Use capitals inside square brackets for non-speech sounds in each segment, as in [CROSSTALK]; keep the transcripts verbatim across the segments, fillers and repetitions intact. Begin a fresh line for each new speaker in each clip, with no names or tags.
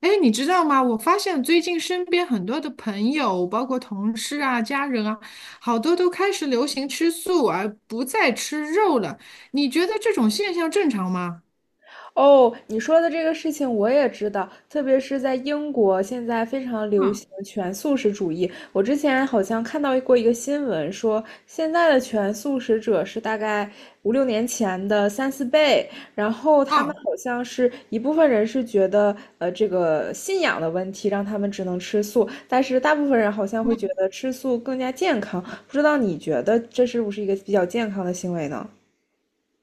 哎，你知道吗？我发现最近身边很多的朋友，包括同事啊、家人啊，好多都开始流行吃素，而不再吃肉了。你觉得这种现象正常吗？
哦，你说的这个事情我也知道，特别是在英国，现在非常流
嗯，
行全素食主义。我之前好像看到过一个新闻，说现在的全素食者是大概五六年前的三四倍，然后他们
嗯
好像是一部分人是觉得，呃，这个信仰的问题让他们只能吃素，但是大部分人好像会觉得吃素更加健康。不知道你觉得这是不是一个比较健康的行为呢？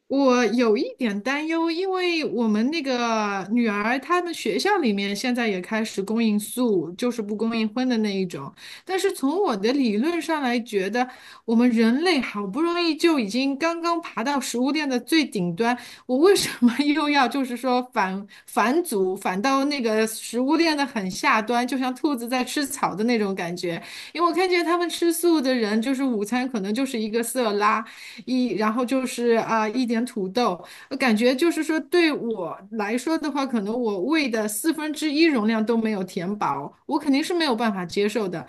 我有一点担忧，因为我们那个女儿，他们学校里面现在也开始供应素，就是不供应荤的那一种。但是从我的理论上来觉得，我们人类好不容易就已经刚刚爬到食物链的最顶端，我为什么 [LAUGHS] 又要就是说反反祖，反到那个食物链的很下端，就像兔子在吃草的那种感觉？因为我看见他们吃素的人，就是午餐可能就是一个色拉。一，然后就是啊、一点土豆，我感觉就是说对我来说的话，可能我胃的四分之一容量都没有填饱，我肯定是没有办法接受的。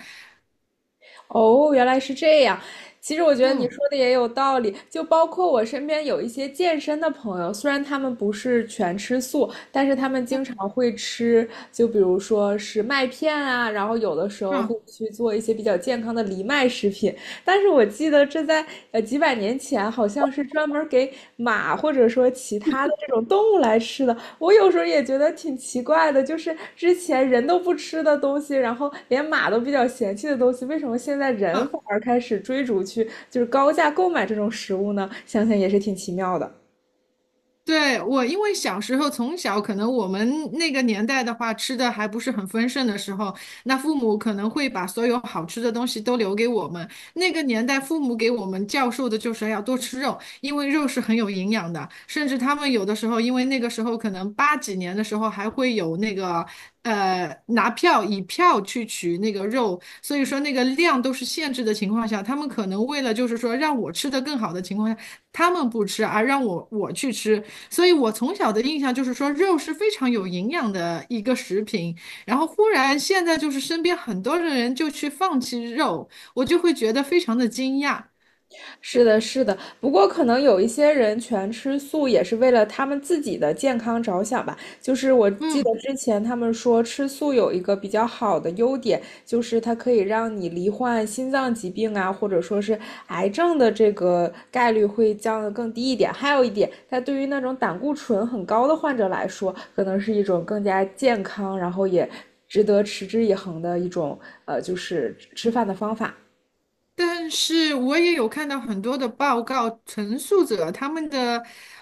哦，原来是这样。其实我觉得你
嗯。
说的也有道理，就包括我身边有一些健身的朋友，虽然他们不是全吃素，但是他们经
嗯。
常会吃，就比如说是麦片啊，然后有的时候
嗯。
会去做一些比较健康的藜麦食品。但是我记得这在呃几百年前好像是专门给马或者说其他的这种动物来吃的，我有时候也觉得挺奇怪的，就是之前人都不吃的东西，然后连马都比较嫌弃的东西，为什么现在人
嗯。
反而开始追逐去就是高价购买这种食物呢？想想也是挺奇妙的。
对，我因为小时候从小，可能我们那个年代的话，吃的还不是很丰盛的时候，那父母可能会把所有好吃的东西都留给我们。那个年代，父母给我们教授的就是要多吃肉，因为肉是很有营养的。甚至他们有的时候，因为那个时候可能八几年的时候还会有那个呃拿票以票去取那个肉，所以说那个量都是限制的情况下，他们可能为了就是说让我吃的更好的情况下。他们不吃，而让我我去吃，所以我从小的印象就是说肉是非常有营养的一个食品。然后忽然现在就是身边很多的人就去放弃肉，我就会觉得非常的惊讶。
是的，是的。不过可能有一些人全吃素也是为了他们自己的健康着想吧。就是我记得
嗯。
之前他们说吃素有一个比较好的优点，就是它可以让你罹患心脏疾病啊，或者说是癌症的这个概率会降得更低一点。还有一点，它对于那种胆固醇很高的患者来说，可能是一种更加健康，然后也值得持之以恒的一种呃，就是吃饭的方法。
但是我也有看到很多的报告，陈述者他们的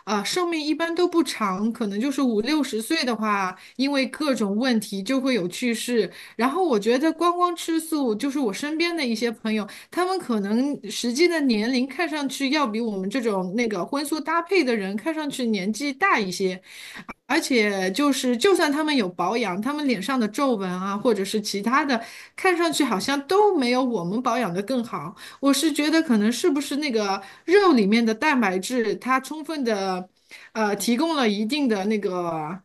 啊、呃寿命一般都不长，可能就是五六十岁的话，因为各种问题就会有去世。然后我觉得光光吃素，就是我身边的一些朋友，他们可能实际的年龄看上去要比我们这种那个荤素搭配的人看上去年纪大一些，而且就是，就算他们有保养，他们脸上的皱纹啊，或者是其他的，看上去好像都没有我们保养的更好。我是觉得，可能是不是那个肉里面的蛋白质，它充分的，呃，提供了一定的那个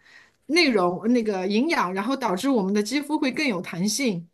内容、那个营养，然后导致我们的肌肤会更有弹性。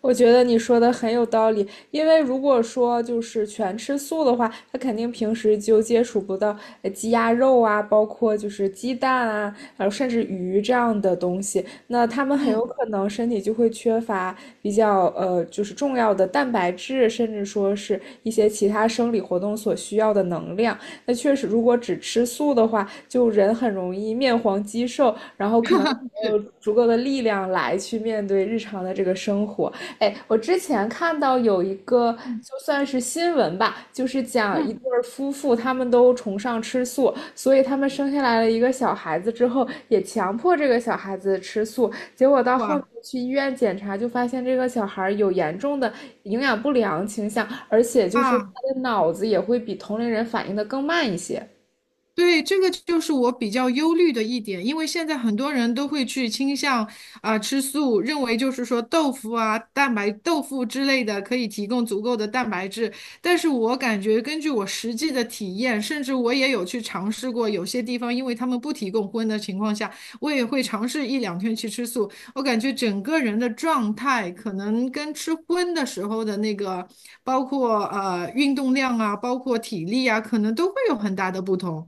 我觉得你说的很有道理，因为如果说就是全吃素的话，他肯定平时就接触不到呃鸡鸭肉啊，包括就是鸡蛋啊，呃甚至鱼这样的东西，那他们很有
嗯。
可能身体就会缺乏比较呃就是重要的蛋白质，甚至说是一些其他生理活动所需要的能量。那确实，如果只吃素的话，就人很容易面黄肌瘦，然后可能，没有足够的力量来去面对日常的这个生活。哎，我之前看到有一个
嗯。
就算是新闻吧，就是讲一
嗯。
对儿夫妇，他们都崇尚吃素，所以他们生下来了一个小孩子之后，也强迫这个小孩子吃素，结果到后面
哇。
去医院检查，就发现这个小孩儿有严重的营养不良倾向，而且就是他
啊！
的脑子也会比同龄人反应的更慢一些。
对，这个就是我比较忧虑的一点，因为现在很多人都会去倾向啊、吃素，认为就是说豆腐啊、蛋白豆腐之类的可以提供足够的蛋白质。但是我感觉根据我实际的体验，甚至我也有去尝试过，有些地方因为他们不提供荤的情况下，我也会尝试一两天去吃素。我感觉整个人的状态可能跟吃荤的时候的那个，包括呃运动量啊，包括体力啊，可能都会有很大的不同。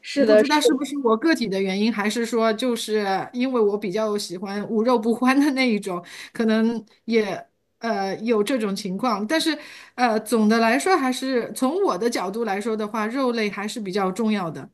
是
不
的，
知道
是
是不是我个体的原因，还是说就是因为我比较喜欢无肉不欢的那一种，可能也呃有这种情况。但是呃，总的来说，还是从我的角度来说的话，肉类还是比较重要的。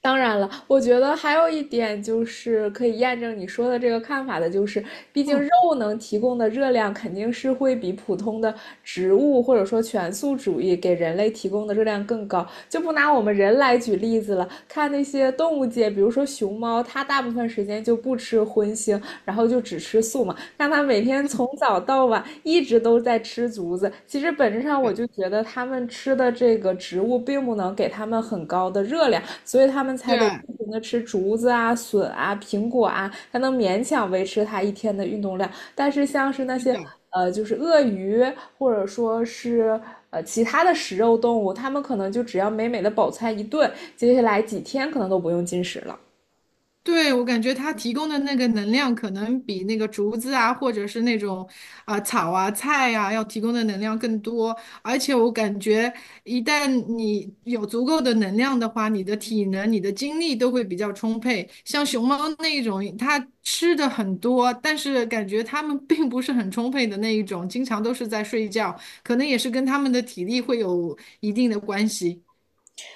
当然了，我觉得还有一点就是可以验证你说的这个看法的，就是毕竟肉
嗯。
能提供的热量肯定是会比普通的植物或者说全素主义给人类提供的热量更高。就不拿我们人来举例子了，看那些动物界，比如说熊猫，它大部分时间就不吃荤腥，然后就只吃素嘛。让他每天从早到晚一直都在吃竹子。其实本质上我
对。
就觉得他们吃的这个植物并不能给他们很高的热量，所以他们才得
对。
不停的吃竹子啊、笋啊、苹果啊，才能勉强维持他一天的运动量。但是像是那
是
些
的。
呃，就是鳄鱼或者说是呃其他的食肉动物，它们可能就只要美美的饱餐一顿，接下来几天可能都不用进食了。
对，我感觉它提供的那个能量，可能比那个竹子啊，或者是那种啊、草啊、菜啊，要提供的能量更多。而且我感觉，一旦你有足够的能量的话，你的体能、你的精力都会比较充沛。像熊猫那一种，它吃的很多，但是感觉它们并不是很充沛的那一种，经常都是在睡觉，可能也是跟它们的体力会有一定的关系。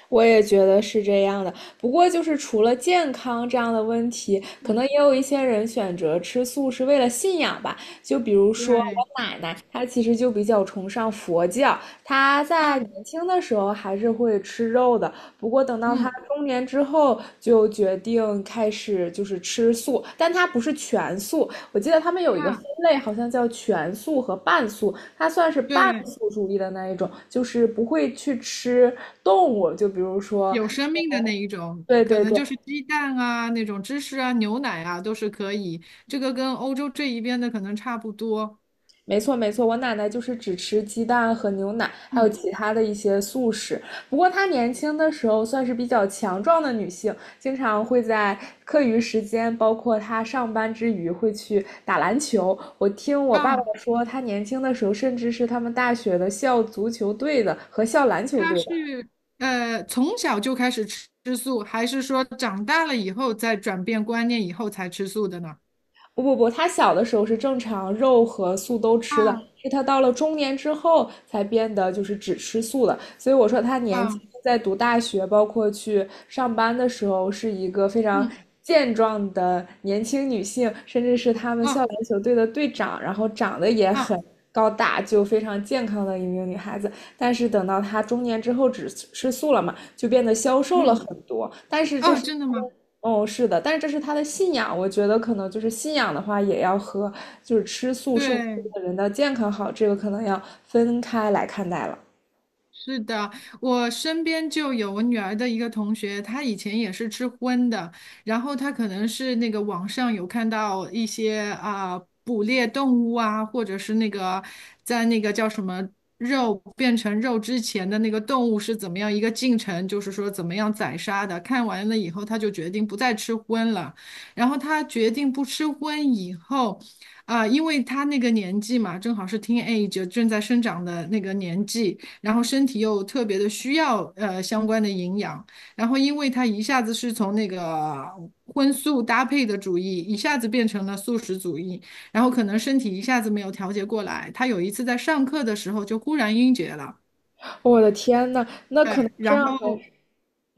我也觉得是这样的。不过，就是除了健康这样的问题，可
嗯。
能也有一些人选择吃素是为了信仰吧。就比如说
对。
我奶奶，她其实就比较崇尚佛教，她在
啊。
年轻的时候还是会吃肉的。不过等到她
嗯。
中年之后，就决定开始就是吃素，但她不是全素。我记得他们有一个分
啊。
类，好像叫全素和半素。它算是半
对。
素主义的那一种，就是不会去吃动物，就比如说，
有生命的那一种，
对
可
对
能
对，
就是鸡蛋啊、那种芝士啊、牛奶啊都是可以。这个跟欧洲这一边的可能差不多。
没错没错，我奶奶就是只吃鸡蛋和牛奶，还有
嗯。
其他的一些素食。不过她年轻的时候算是比较强壮的女性，经常会在课余时间，包括她上班之余会去打篮球。我听我爸爸
啊，
说，她年轻的时候甚至是他们大学的校足球队的和校篮球
他
队的
是呃从小就开始吃吃素，还是说长大了以后再转变观念以后才吃素的呢？
不不不，她小的时候是正常肉和素都吃的，
啊。
是她到了中年之后才变得就是只吃素的。所以我说她年轻
啊。
在读大学，包括去上班的时候，是一个非常
嗯。
健壮的年轻女性，甚至是他们校
嗯。
篮球队的队长，然后长得也
嗯。
很高大，就非常健康的一名女孩子。但是等到她中年之后只吃素了嘛，就变得消瘦了
嗯。
很多。但是这
哦，
是
真的吗？
哦，是的，但是这是他的信仰。我觉得可能就是信仰的话，也要和就是吃素是不是
对，
对人的健康好，这个可能要分开来看待了。
是的，我身边就有我女儿的一个同学，她以前也是吃荤的，然后她可能是那个网上有看到一些啊、捕猎动物啊，或者是那个在那个叫什么肉变成肉之前的那个动物是怎么样一个进程，就是说怎么样宰杀的。看完了以后，她就决定不再吃荤了。然后她决定不吃荤以后。啊，因为她那个年纪嘛，正好是 teenage 正在生长的那个年纪，然后身体又特别的需要呃相关的营养，然后因为他一下子是从那个荤素搭配的主义，一下子变成了素食主义，然后可能身体一下子没有调节过来，他有一次在上课的时候就忽然晕厥了。
我的天呐！
对，
这
然
样还
后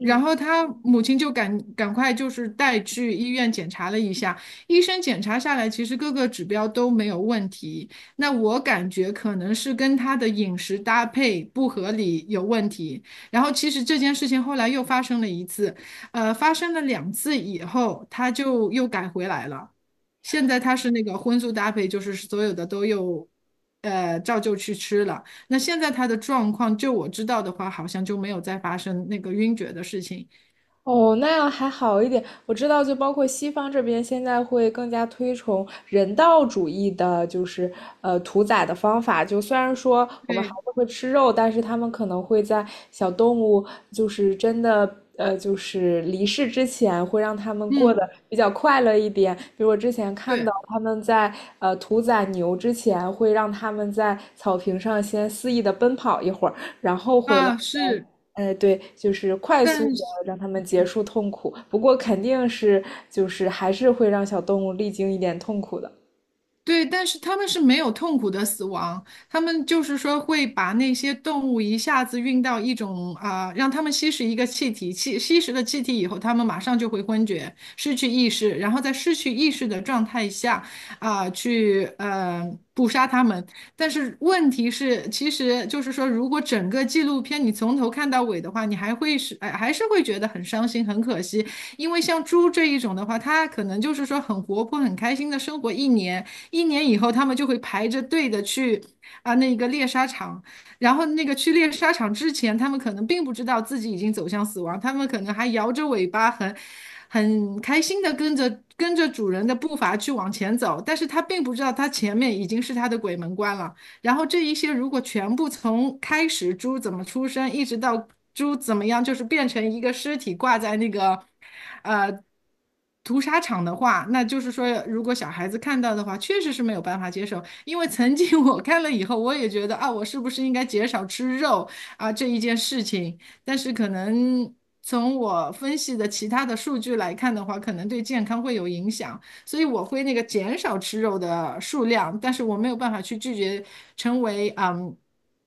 然后他母亲就赶赶快就是带去医院检查了一下，医生检查下来，其实各个指标都没有问题。那我感觉可能是跟他的饮食搭配不合理有问题。然后其实这件事情后来又发生了一次，呃，发生了两次以后，他就又改回来了。现在他是那个荤素搭配，就是所有的都又，呃，照旧去吃了。那现在他的状况，就我知道的话，好像就没有再发生那个晕厥的事情。
哦，那样还好一点。我知道，就包括西方这边现在会更加推崇人道主义的，就是呃屠宰的方法。就虽然说我们还
对。
是会吃肉，但是他们可能会在小动物就是真的呃就是离世之前，会让他们过
嗯。
得比较快乐一点。比如我之前看到
对
他们在呃屠宰牛之前，会让他们在草坪上先肆意的奔跑一会儿，然后回来。
啊，是，
哎，对，就是快速
但
的
是。
让他们结束痛苦，不过肯定是就是还是会让小动物历经一点痛苦的。
对，但是他们是没有痛苦的死亡，他们就是说会把那些动物一下子运到一种啊、让他们吸食一个气体，吸吸食了气体以后，他们马上就会昏厥，失去意识，然后在失去意识的状态下啊、去呃捕杀他们。但是问题是，其实就是说，如果整个纪录片你从头看到尾的话，你还会是哎还是会觉得很伤心、很可惜，因为像猪这一种的话，它可能就是说很活泼、很开心的生活一年。一年以后他们就会排着队的去啊那个猎杀场，然后那个去猎杀场之前，他们可能并不知道自己已经走向死亡，他们可能还摇着尾巴很。很开心的跟着跟着主人的步伐去往前走，但是他并不知道他前面已经是他的鬼门关了。然后这一些如果全部从开始猪怎么出生，一直到猪怎么样，就是变成一个尸体挂在那个呃屠杀场的话，那就是说，如果小孩子看到的话，确实是没有办法接受。因为曾经 [LAUGHS] 我看了以后，我也觉得啊，我是不是应该减少吃肉啊这一件事情，但是可能。从我分析的其他的数据来看的话，可能对健康会有影响。所以我会那个减少吃肉的数量，但是我没有办法去拒绝成为嗯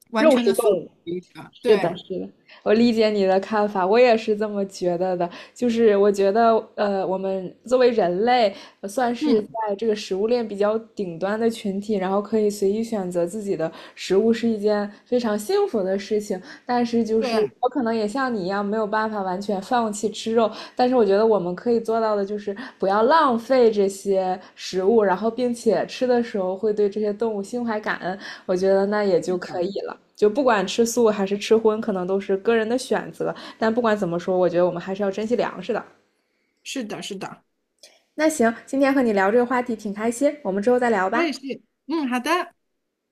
完
肉
全
食
的素
动
食
物，
主义者。
是的，
对。
是的，我理解你的看法，我也是这么觉得的。就是我觉得，呃，我们作为人类，呃算是
嗯。
在这个食物链比较顶端的群体，然后可以随意选择自己的食物，是一件非常幸福的事情。但是，就是
对。
我可能也像你一样，没有办法完全放弃吃肉，但是我觉得我们可以做到的就是不要浪费这些食物，然后并且吃的时候会对这些动物心怀感恩，我觉得那也就可以了。就不管吃素还是吃荤，可能都是个人的选择，但不管怎么说，我觉得我们还是要珍惜粮食的。
是的。是的。
那行，今天和你聊这个话题挺开心，我们之后再聊
我
吧。
也是。嗯，好的。